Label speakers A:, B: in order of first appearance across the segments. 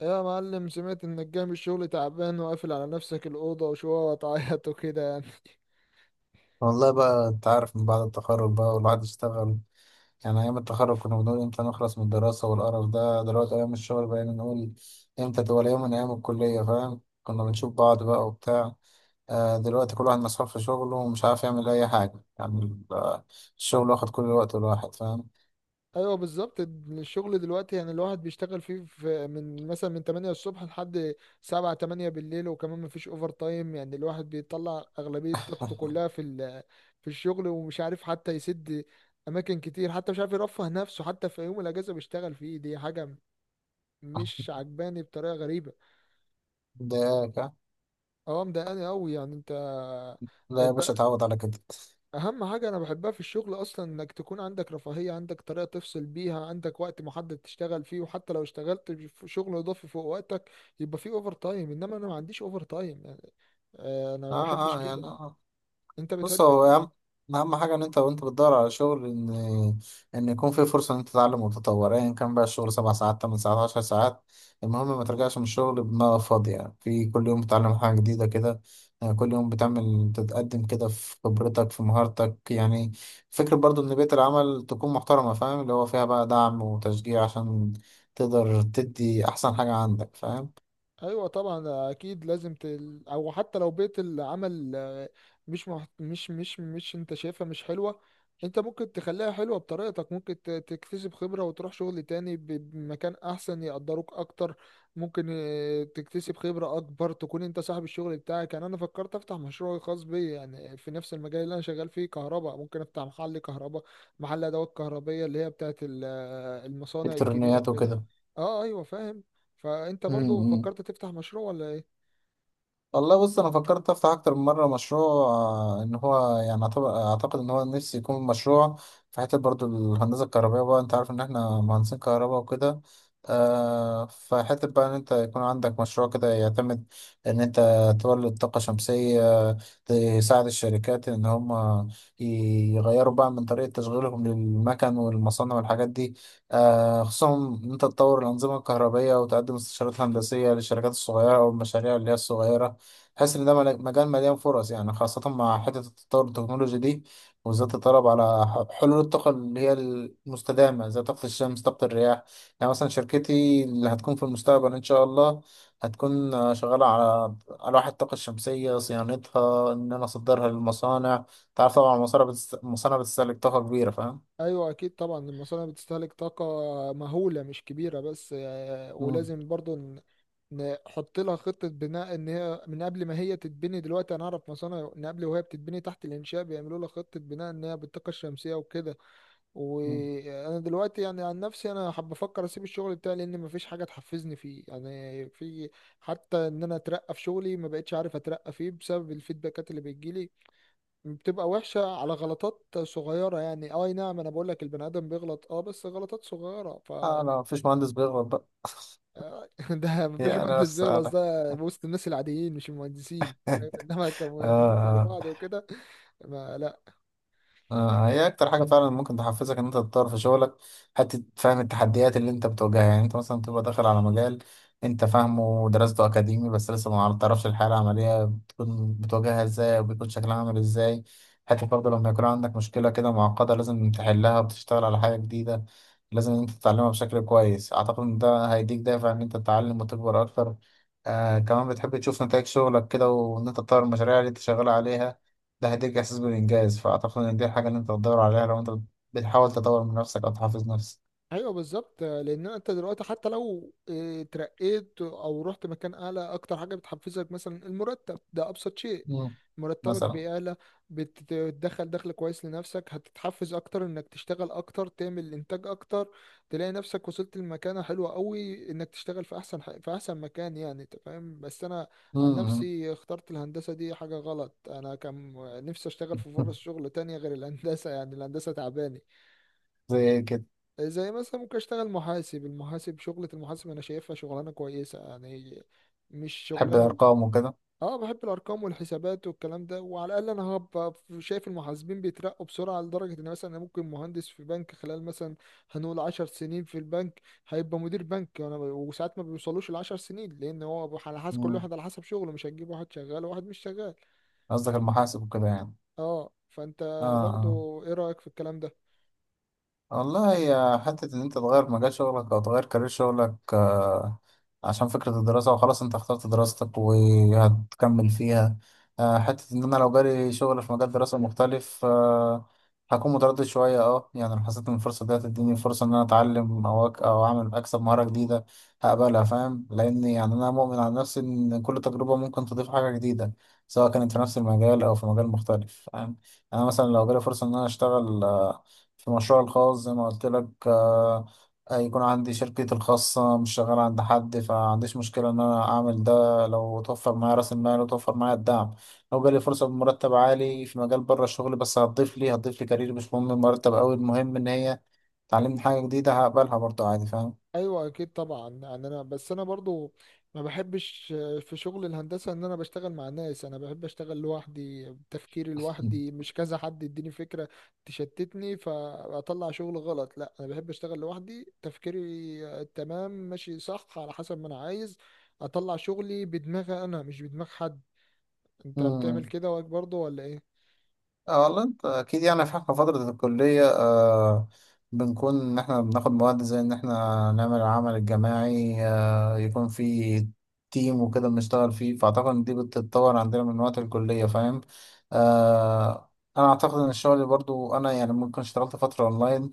A: يا معلم، سمعت انك جاي من الشغل تعبان وقافل على نفسك الأوضة وشوية وتعيط وكده يعني.
B: والله بقى، انت عارف من بعد التخرج بقى والواحد اشتغل. يعني ايام التخرج كنا بنقول امتى نخلص من الدراسة والقرف ده، دلوقتي ايام الشغل بقينا نقول امتى تبقى يوم من ايام الكلية، فاهم؟ كنا بنشوف بعض بقى وبتاع. دلوقتي كل واحد مسحول في شغله ومش عارف يعمل اي حاجة، يعني الشغل واخد كل الوقت الواحد، فاهم؟
A: ايوه بالظبط، الشغل دلوقتي يعني الواحد بيشتغل فيه، من مثلا من 8 الصبح لحد 7 8 بالليل، وكمان مفيش اوفر تايم. يعني الواحد بيطلع أغلبية طاقته كلها في الشغل، ومش عارف حتى يسد اماكن كتير، حتى مش عارف يرفه نفسه، حتى في يوم الاجازة بيشتغل فيه. دي حاجة مش عجباني بطريقة غريبة.
B: مضايقاك، ها؟
A: اه مضايقاني قوي يعني. انت،
B: لا يا
A: انت
B: باشا، اتعود على كده.
A: اهم حاجة انا بحبها في الشغل اصلا انك تكون عندك رفاهية، عندك طريقة تفصل بيها، عندك وقت محدد تشتغل فيه، وحتى لو اشتغلت في شغل اضافي فوق وقتك يبقى فيه اوفر تايم. انما انا ما عنديش اوفر تايم يعني. انا ما بحبش
B: اه
A: كده.
B: يعني
A: انت
B: بص،
A: بتحب؟
B: هو أهم حاجة، إن أنت، وأنت بتدور على شغل، إن يكون في فرصة إن أنت تتعلم وتتطور. أيا كان بقى الشغل، 7 ساعات، 8 ساعات، 10 ساعات، المهم ما ترجعش من الشغل بدماغك فاضية. يعني في كل يوم بتتعلم حاجة جديدة كده، يعني كل يوم بتعمل تتقدم كده في خبرتك، في مهارتك، يعني فكرة برضو إن بيئة العمل تكون محترمة، فاهم؟ اللي هو فيها بقى دعم وتشجيع عشان تقدر تدي أحسن حاجة عندك، فاهم؟
A: ايوه طبعا، اكيد لازم او حتى لو بيئه العمل مش مش انت شايفها مش حلوه، انت ممكن تخليها حلوه بطريقتك، ممكن تكتسب خبره وتروح شغل تاني بمكان احسن يقدروك اكتر، ممكن تكتسب خبره اكبر، تكون انت صاحب الشغل بتاعك. يعني انا فكرت افتح مشروع خاص بي يعني في نفس المجال اللي انا شغال فيه، كهرباء، ممكن افتح محل كهرباء، محل ادوات كهربيه اللي هي بتاعت المصانع الكبيره
B: إلكترونيات وكده.
A: وكده. اه ايوه فاهم. فانت
B: إمم،
A: برضو
B: إمم.
A: فكرت تفتح مشروع ولا ايه؟
B: والله بص، انا فكرت افتح اكتر من مره مشروع. ان هو يعني أعتبر- اعتقد ان هو نفسي يكون مشروع في حته برضو الهندسه الكهربائيه بقى. انت عارف ان احنا مهندسين كهرباء وكده. آه، فحته بقى ان انت يكون عندك مشروع كده يعتمد ان انت تولد طاقه شمسيه، تساعد الشركات ان هم يغيروا بقى من طريقه تشغيلهم للمكن والمصانع والحاجات دي. آه، خصوصا ان انت تطور الانظمه الكهربائيه وتقدم استشارات هندسيه للشركات الصغيره والمشاريع اللي هي الصغيره. تحس ان ده مجال مليان فرص، يعني خاصة مع حتة التطور التكنولوجي دي، وبالذات الطلب على حلول الطاقة اللي هي المستدامة، زي طاقة الشمس، طاقة الرياح. يعني مثلا شركتي اللي هتكون في المستقبل إن شاء الله هتكون شغالة على ألواح الطاقة الشمسية، صيانتها، إن أنا أصدرها للمصانع. تعرف طبعا المصانع المصانع بتستهلك طاقة كبيرة، فاهم؟
A: ايوه اكيد طبعا، المصانع بتستهلك طاقه مهوله مش كبيره بس.
B: مم.
A: ولازم برضو نحط لها خطه بناء ان هي من قبل ما هي تتبني. دلوقتي انا اعرف مصانع من قبل وهي بتتبني تحت الانشاء بيعملوا لها خطه بناء ان هي بالطاقه الشمسيه وكده.
B: مم.
A: وانا دلوقتي يعني عن نفسي انا حابب افكر اسيب الشغل بتاعي لان مفيش حاجه تحفزني فيه يعني. في حتى ان انا اترقى في شغلي ما بقتش عارف اترقى فيه بسبب الفيدباكات اللي بتجيلي، بتبقى وحشة على غلطات صغيرة. يعني اه اي نعم، انا بقول لك البني ادم بيغلط، اه بس غلطات صغيرة ف
B: أنا مفيش مهندس بيغلط بقى
A: ده مفيش
B: يا
A: مهندس
B: ناس.
A: بيغلط.
B: أنا
A: ده وسط الناس العاديين، مش المهندسين، فاهم؟ انما
B: آه.
A: كمهندسين زي
B: آه.
A: بعض وكده. ما لا.
B: آه، هي اكتر حاجه فعلا ممكن تحفزك ان انت تطور في شغلك، حته فهم التحديات اللي انت بتواجهها. يعني انت مثلا تبقى داخل على مجال انت فاهمه ودراسته اكاديمي، بس لسه ما تعرفش الحياه العمليه بتكون بتواجهها ازاي وبيكون شكلها عامل ازاي. حتى برضه لما يكون عندك مشكله كده معقده، لازم تحلها وتشتغل على حاجه جديده، لازم ان انت تتعلمها بشكل كويس. اعتقد ان ده هيديك دافع ان انت تتعلم وتكبر اكتر. آه، كمان بتحب تشوف نتائج شغلك كده، وان انت تطور المشاريع اللي انت شغال عليها، ده هيديك إحساس بالإنجاز. فأعتقد إن دي الحاجة اللي أنت بتدور عليها لو أنت بتحاول تطور من نفسك أو تحافظ نفسك.
A: ايوه بالظبط، لان انت دلوقتي حتى لو اترقيت او رحت مكان اعلى، اكتر حاجه بتحفزك مثلا المرتب، ده ابسط شيء.
B: مم.
A: مرتبك
B: مثلا.
A: بيعلى، بتدخل دخل كويس لنفسك، هتتحفز اكتر انك تشتغل اكتر، تعمل انتاج اكتر، تلاقي نفسك وصلت لمكانه حلوه قوي، انك تشتغل في احسن مكان. يعني انت فاهم، بس انا عن
B: مم.
A: نفسي اخترت الهندسه، دي حاجه غلط. انا كان نفسي اشتغل في فرص شغل تانية غير الهندسه، يعني الهندسه تعباني.
B: زي إيه كده؟
A: زي مثلا ممكن اشتغل محاسب، المحاسب، شغلة المحاسب انا شايفها شغلانة كويسة، يعني مش
B: تحب
A: شغلانة.
B: الأرقام وكده؟
A: اه بحب الارقام والحسابات والكلام ده، وعلى الاقل انا هبقى شايف المحاسبين بيترقوا بسرعة، لدرجة ان مثلا انا ممكن مهندس في بنك، خلال مثلا هنقول 10 سنين في البنك هيبقى مدير بنك. وانا وساعات ما بيوصلوش ال10 سنين، لان هو على حسب كل
B: مم.
A: واحد، على حسب شغله، مش هتجيب واحد شغال وواحد مش شغال.
B: قصدك المحاسب وكده، يعني؟
A: اه فانت
B: آه. آه.
A: برضو ايه رأيك في الكلام ده؟
B: والله، هي حتة إن أنت تغير مجال شغلك أو تغير كارير شغلك، عشان فكرة الدراسة وخلاص، أنت اخترت دراستك وهتكمل فيها. حتة إن أنا لو جالي شغل في مجال دراسة مختلف، هكون متردد شوية. أه، يعني لو حسيت إن الفرصة دي هتديني فرصة إن أنا أتعلم أو أك أو أعمل أكسب مهارة جديدة، هقبلها، فاهم؟ لأن يعني أنا مؤمن على نفسي إن كل تجربة ممكن تضيف حاجة جديدة، سواء كانت في نفس المجال أو في مجال مختلف، فاهم يعني؟ أنا مثلا لو جالي فرصة إن أنا أشتغل في مشروعي الخاص زي ما قلت لك، هيكون عندي شركتي الخاصة، مش شغال عند حد، فعنديش مشكلة إن أنا أعمل ده لو توفر معايا رأس المال وتوفر معايا الدعم. لو جالي فرصة بمرتب عالي في مجال بره الشغل بس هتضيف لي كارير، مش مهم المرتب أوي، المهم إن هي تعلمني حاجة جديدة، هقبلها برضه عادي، فاهم؟
A: ايوه اكيد طبعا. يعني انا، بس انا برضو ما بحبش في شغل الهندسه ان انا بشتغل مع ناس. انا بحب اشتغل لوحدي، بتفكيري لوحدي، مش كذا حد يديني فكره تشتتني فاطلع شغل غلط. لا انا بحب اشتغل لوحدي، تفكيري تمام ماشي صح، على حسب ما انا عايز اطلع شغلي بدماغي انا، مش بدماغ حد. انت بتعمل
B: مم.
A: كده واك برضو ولا ايه؟
B: اه والله، انت اكيد. يعني في احنا فترة الكلية، بنكون ان احنا بناخد مواد زي ان احنا نعمل العمل الجماعي، آه، يكون في تيم وكده بنشتغل فيه، فاعتقد ان دي بتتطور عندنا من وقت الكلية، فاهم؟ آه، انا اعتقد ان الشغل برضو. انا يعني ممكن اشتغلت فترة اونلاين،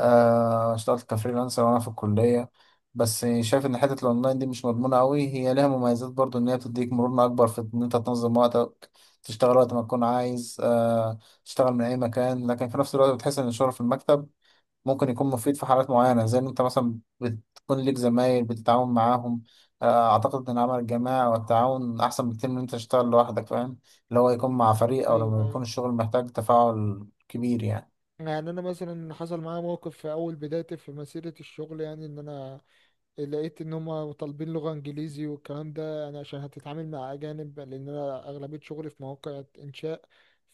B: آه، اشتغلت كفريلانسر وانا في الكلية، بس شايف ان حتة الاونلاين دي مش مضمونة قوي. هي ليها مميزات برضو، ان هي بتديك مرونة اكبر في ان انت تنظم وقتك، تشتغل وقت ما تكون عايز، تشتغل من اي مكان. لكن في نفس الوقت بتحس ان الشغل في المكتب ممكن يكون مفيد في حالات معينه، زي ان انت مثلا بتكون ليك زمايل بتتعاون معاهم. اعتقد ان العمل الجماعي والتعاون احسن بكتير من إن انت تشتغل لوحدك، فاهم؟ اللي هو يكون مع فريق، او
A: ايوه
B: لما يكون
A: ايوه.
B: الشغل محتاج تفاعل كبير، يعني.
A: يعني انا مثلا حصل معايا موقف في اول بدايتي في مسيره الشغل، يعني ان انا لقيت ان هم طالبين لغة انجليزي والكلام ده، يعني عشان هتتعامل مع اجانب، لان انا اغلبية شغلي في مواقع انشاء.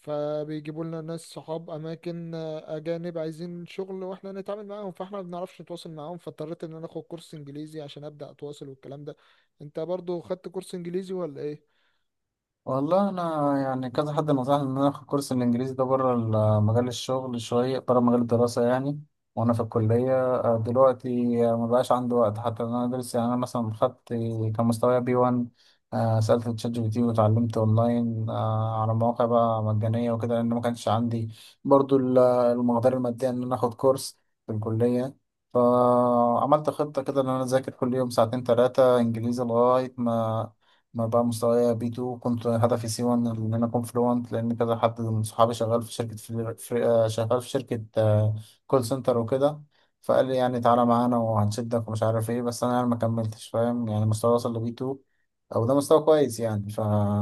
A: فبيجيبوا لنا ناس صحاب اماكن اجانب عايزين شغل واحنا نتعامل معاهم، فاحنا ما بنعرفش نتواصل معاهم، فاضطريت ان انا اخد كورس انجليزي عشان ابدا اتواصل والكلام ده. انت برضو خدت كورس انجليزي ولا ايه؟
B: والله انا يعني كذا حد نصحني ان انا اخد كورس الانجليزي ده بره مجال الشغل، شويه بره مجال الدراسه يعني. وانا في الكليه، دلوقتي، ما بقاش عندي وقت حتى ان انا ادرس. يعني انا مثلا خدت، كان مستواي بي 1، سالت تشات جي بي تي واتعلمت اونلاين، على مواقع بقى مجانيه وكده، لان ما كانش عندي برضو المقدره الماديه ان انا اخد كورس في الكليه. فعملت خطة كده إن أنا أذاكر كل يوم ساعتين 3 إنجليزي، لغاية ما أنا بقى مستوايا بي 2، كنت هدفي سي 1 إن أنا أكون فلوانت، لأن كذا حد من صحابي شغال في شركة فل- في آه، شغال في شركة كول سنتر وكده، فقال لي يعني تعالى معانا وهنشدك ومش عارف إيه. بس أنا يعني ما كملتش، فاهم يعني؟ مستواي وصل لبي 2، أو ده مستوى كويس يعني، ف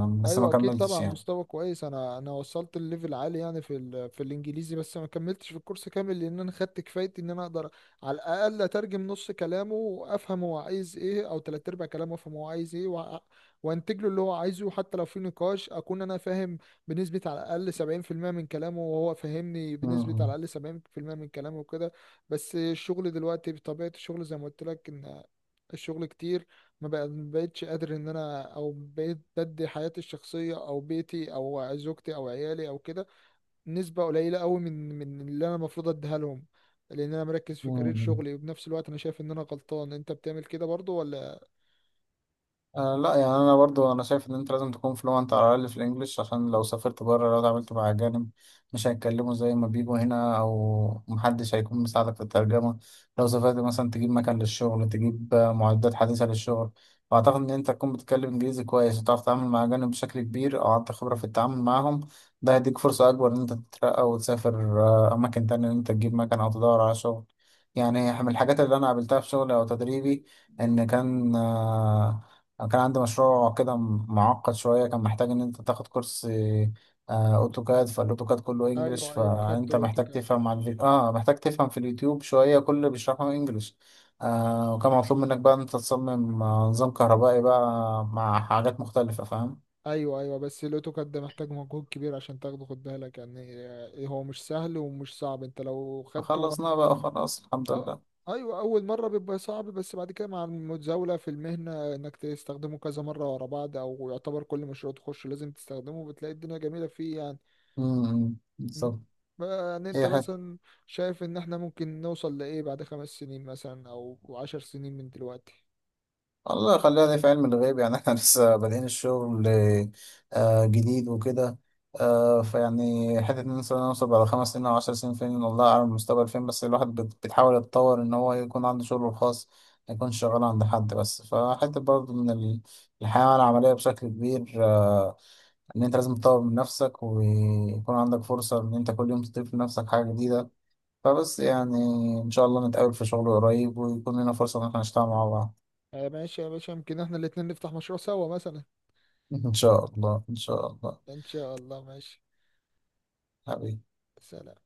B: بس ما
A: ايوه اكيد
B: كملتش
A: طبعا
B: يعني.
A: مستوى كويس. انا وصلت الليفل عالي يعني في الانجليزي، بس ما كملتش في الكورس كامل لان انا خدت كفايتي ان انا اقدر على الاقل اترجم نص كلامه وافهم هو عايز ايه، او تلات ارباع كلامه افهم هو عايز ايه. وانتج له اللي هو عايزه، حتى لو في نقاش اكون انا فاهم بنسبة على الاقل 70% من كلامه، وهو فاهمني
B: م-
A: بنسبة على
B: م-
A: الاقل 70% من كلامه وكده. بس الشغل دلوقتي بطبيعة الشغل، زي ما قلت لك، ان الشغل كتير، ما بقتش قادر ان انا، او بقيت بدي حياتي الشخصيه او بيتي او زوجتي او عيالي او كده نسبه قليله قوي من اللي انا المفروض اديها لهم، لان انا مركز
B: م-
A: في كارير
B: م.
A: شغلي. وبنفس الوقت انا شايف ان انا غلطان. انت بتعمل كده برضو ولا؟
B: آه لا يعني انا برضو، انا شايف ان انت لازم تكون فلوانت على الاقل في الانجليش، عشان لو سافرت بره، لو اتعاملت مع اجانب مش هيتكلموا زي ما بيجوا هنا، او محدش هيكون مساعدك في الترجمه. لو سافرت مثلا تجيب مكان للشغل، تجيب معدات حديثه للشغل، فاعتقد ان انت تكون بتتكلم انجليزي كويس وتعرف تتعامل مع اجانب بشكل كبير، او عندك خبره في التعامل معاهم، ده هيديك فرصه اكبر ان انت تترقى وتسافر، اماكن تانية ان انت تجيب مكان او تدور على شغل. يعني من الحاجات اللي انا قابلتها في شغلي او تدريبي، ان كان، أنا كان عندي مشروع كده معقد شوية، كان محتاج إن أنت تاخد كورس، أوتوكاد، فالأوتوكاد كله إنجلش،
A: ايوه ايوه، خدت
B: فأنت محتاج
A: الاوتوكاد.
B: تفهم على الفيديو، آه، محتاج تفهم في اليوتيوب شوية، كل اللي بيشرحه إنجلش. آه، وكان مطلوب منك بقى إن أنت تصمم، نظام كهربائي بقى مع حاجات مختلفة، فاهم؟
A: ايوه ايوه، بس الاوتوكاد ده محتاج مجهود كبير عشان تاخده، خد بالك يعني. هو مش سهل ومش صعب، انت لو خدته
B: خلصنا بقى خلاص، الحمد
A: أو-
B: لله.
A: ايوه اول مره بيبقى صعب، بس بعد كده مع المتزاوله في المهنه انك تستخدمه كذا مره ورا بعض، او يعتبر كل مشروع تخش لازم تستخدمه، بتلاقي الدنيا جميله فيه يعني.
B: امم،
A: م.
B: بالظبط.
A: بقى يعني انت
B: هي
A: مثلا شايف ان احنا ممكن نوصل لايه بعد 5 سنين مثلا، او 10 سنين من دلوقتي؟
B: الله، خليها دي في علم الغيب يعني. احنا لسه بادئين الشغل، جديد وكده، فيعني حتة ان إحنا نوصل بعد 5 سنين او 10 سنين فين، والله اعلم المستقبل فين. بس الواحد بيتحاول يتطور ان هو يكون عنده شغله الخاص، ما يكونش شغال عند حد بس. فحتة برضه من الحياة العملية بشكل كبير، ان انت لازم تطور من نفسك، ويكون عندك فرصة ان انت كل يوم تضيف لنفسك حاجة جديدة. فبس يعني ان شاء الله نتقابل في شغل قريب، ويكون لنا فرصة ان احنا نشتغل مع بعض.
A: ماشي يا باشا، يمكن احنا الاتنين نفتح مشروع سوا مثلا.
B: إن شاء الله، إن شاء الله.
A: ان شاء الله ماشي.
B: حبيبي.
A: سلام.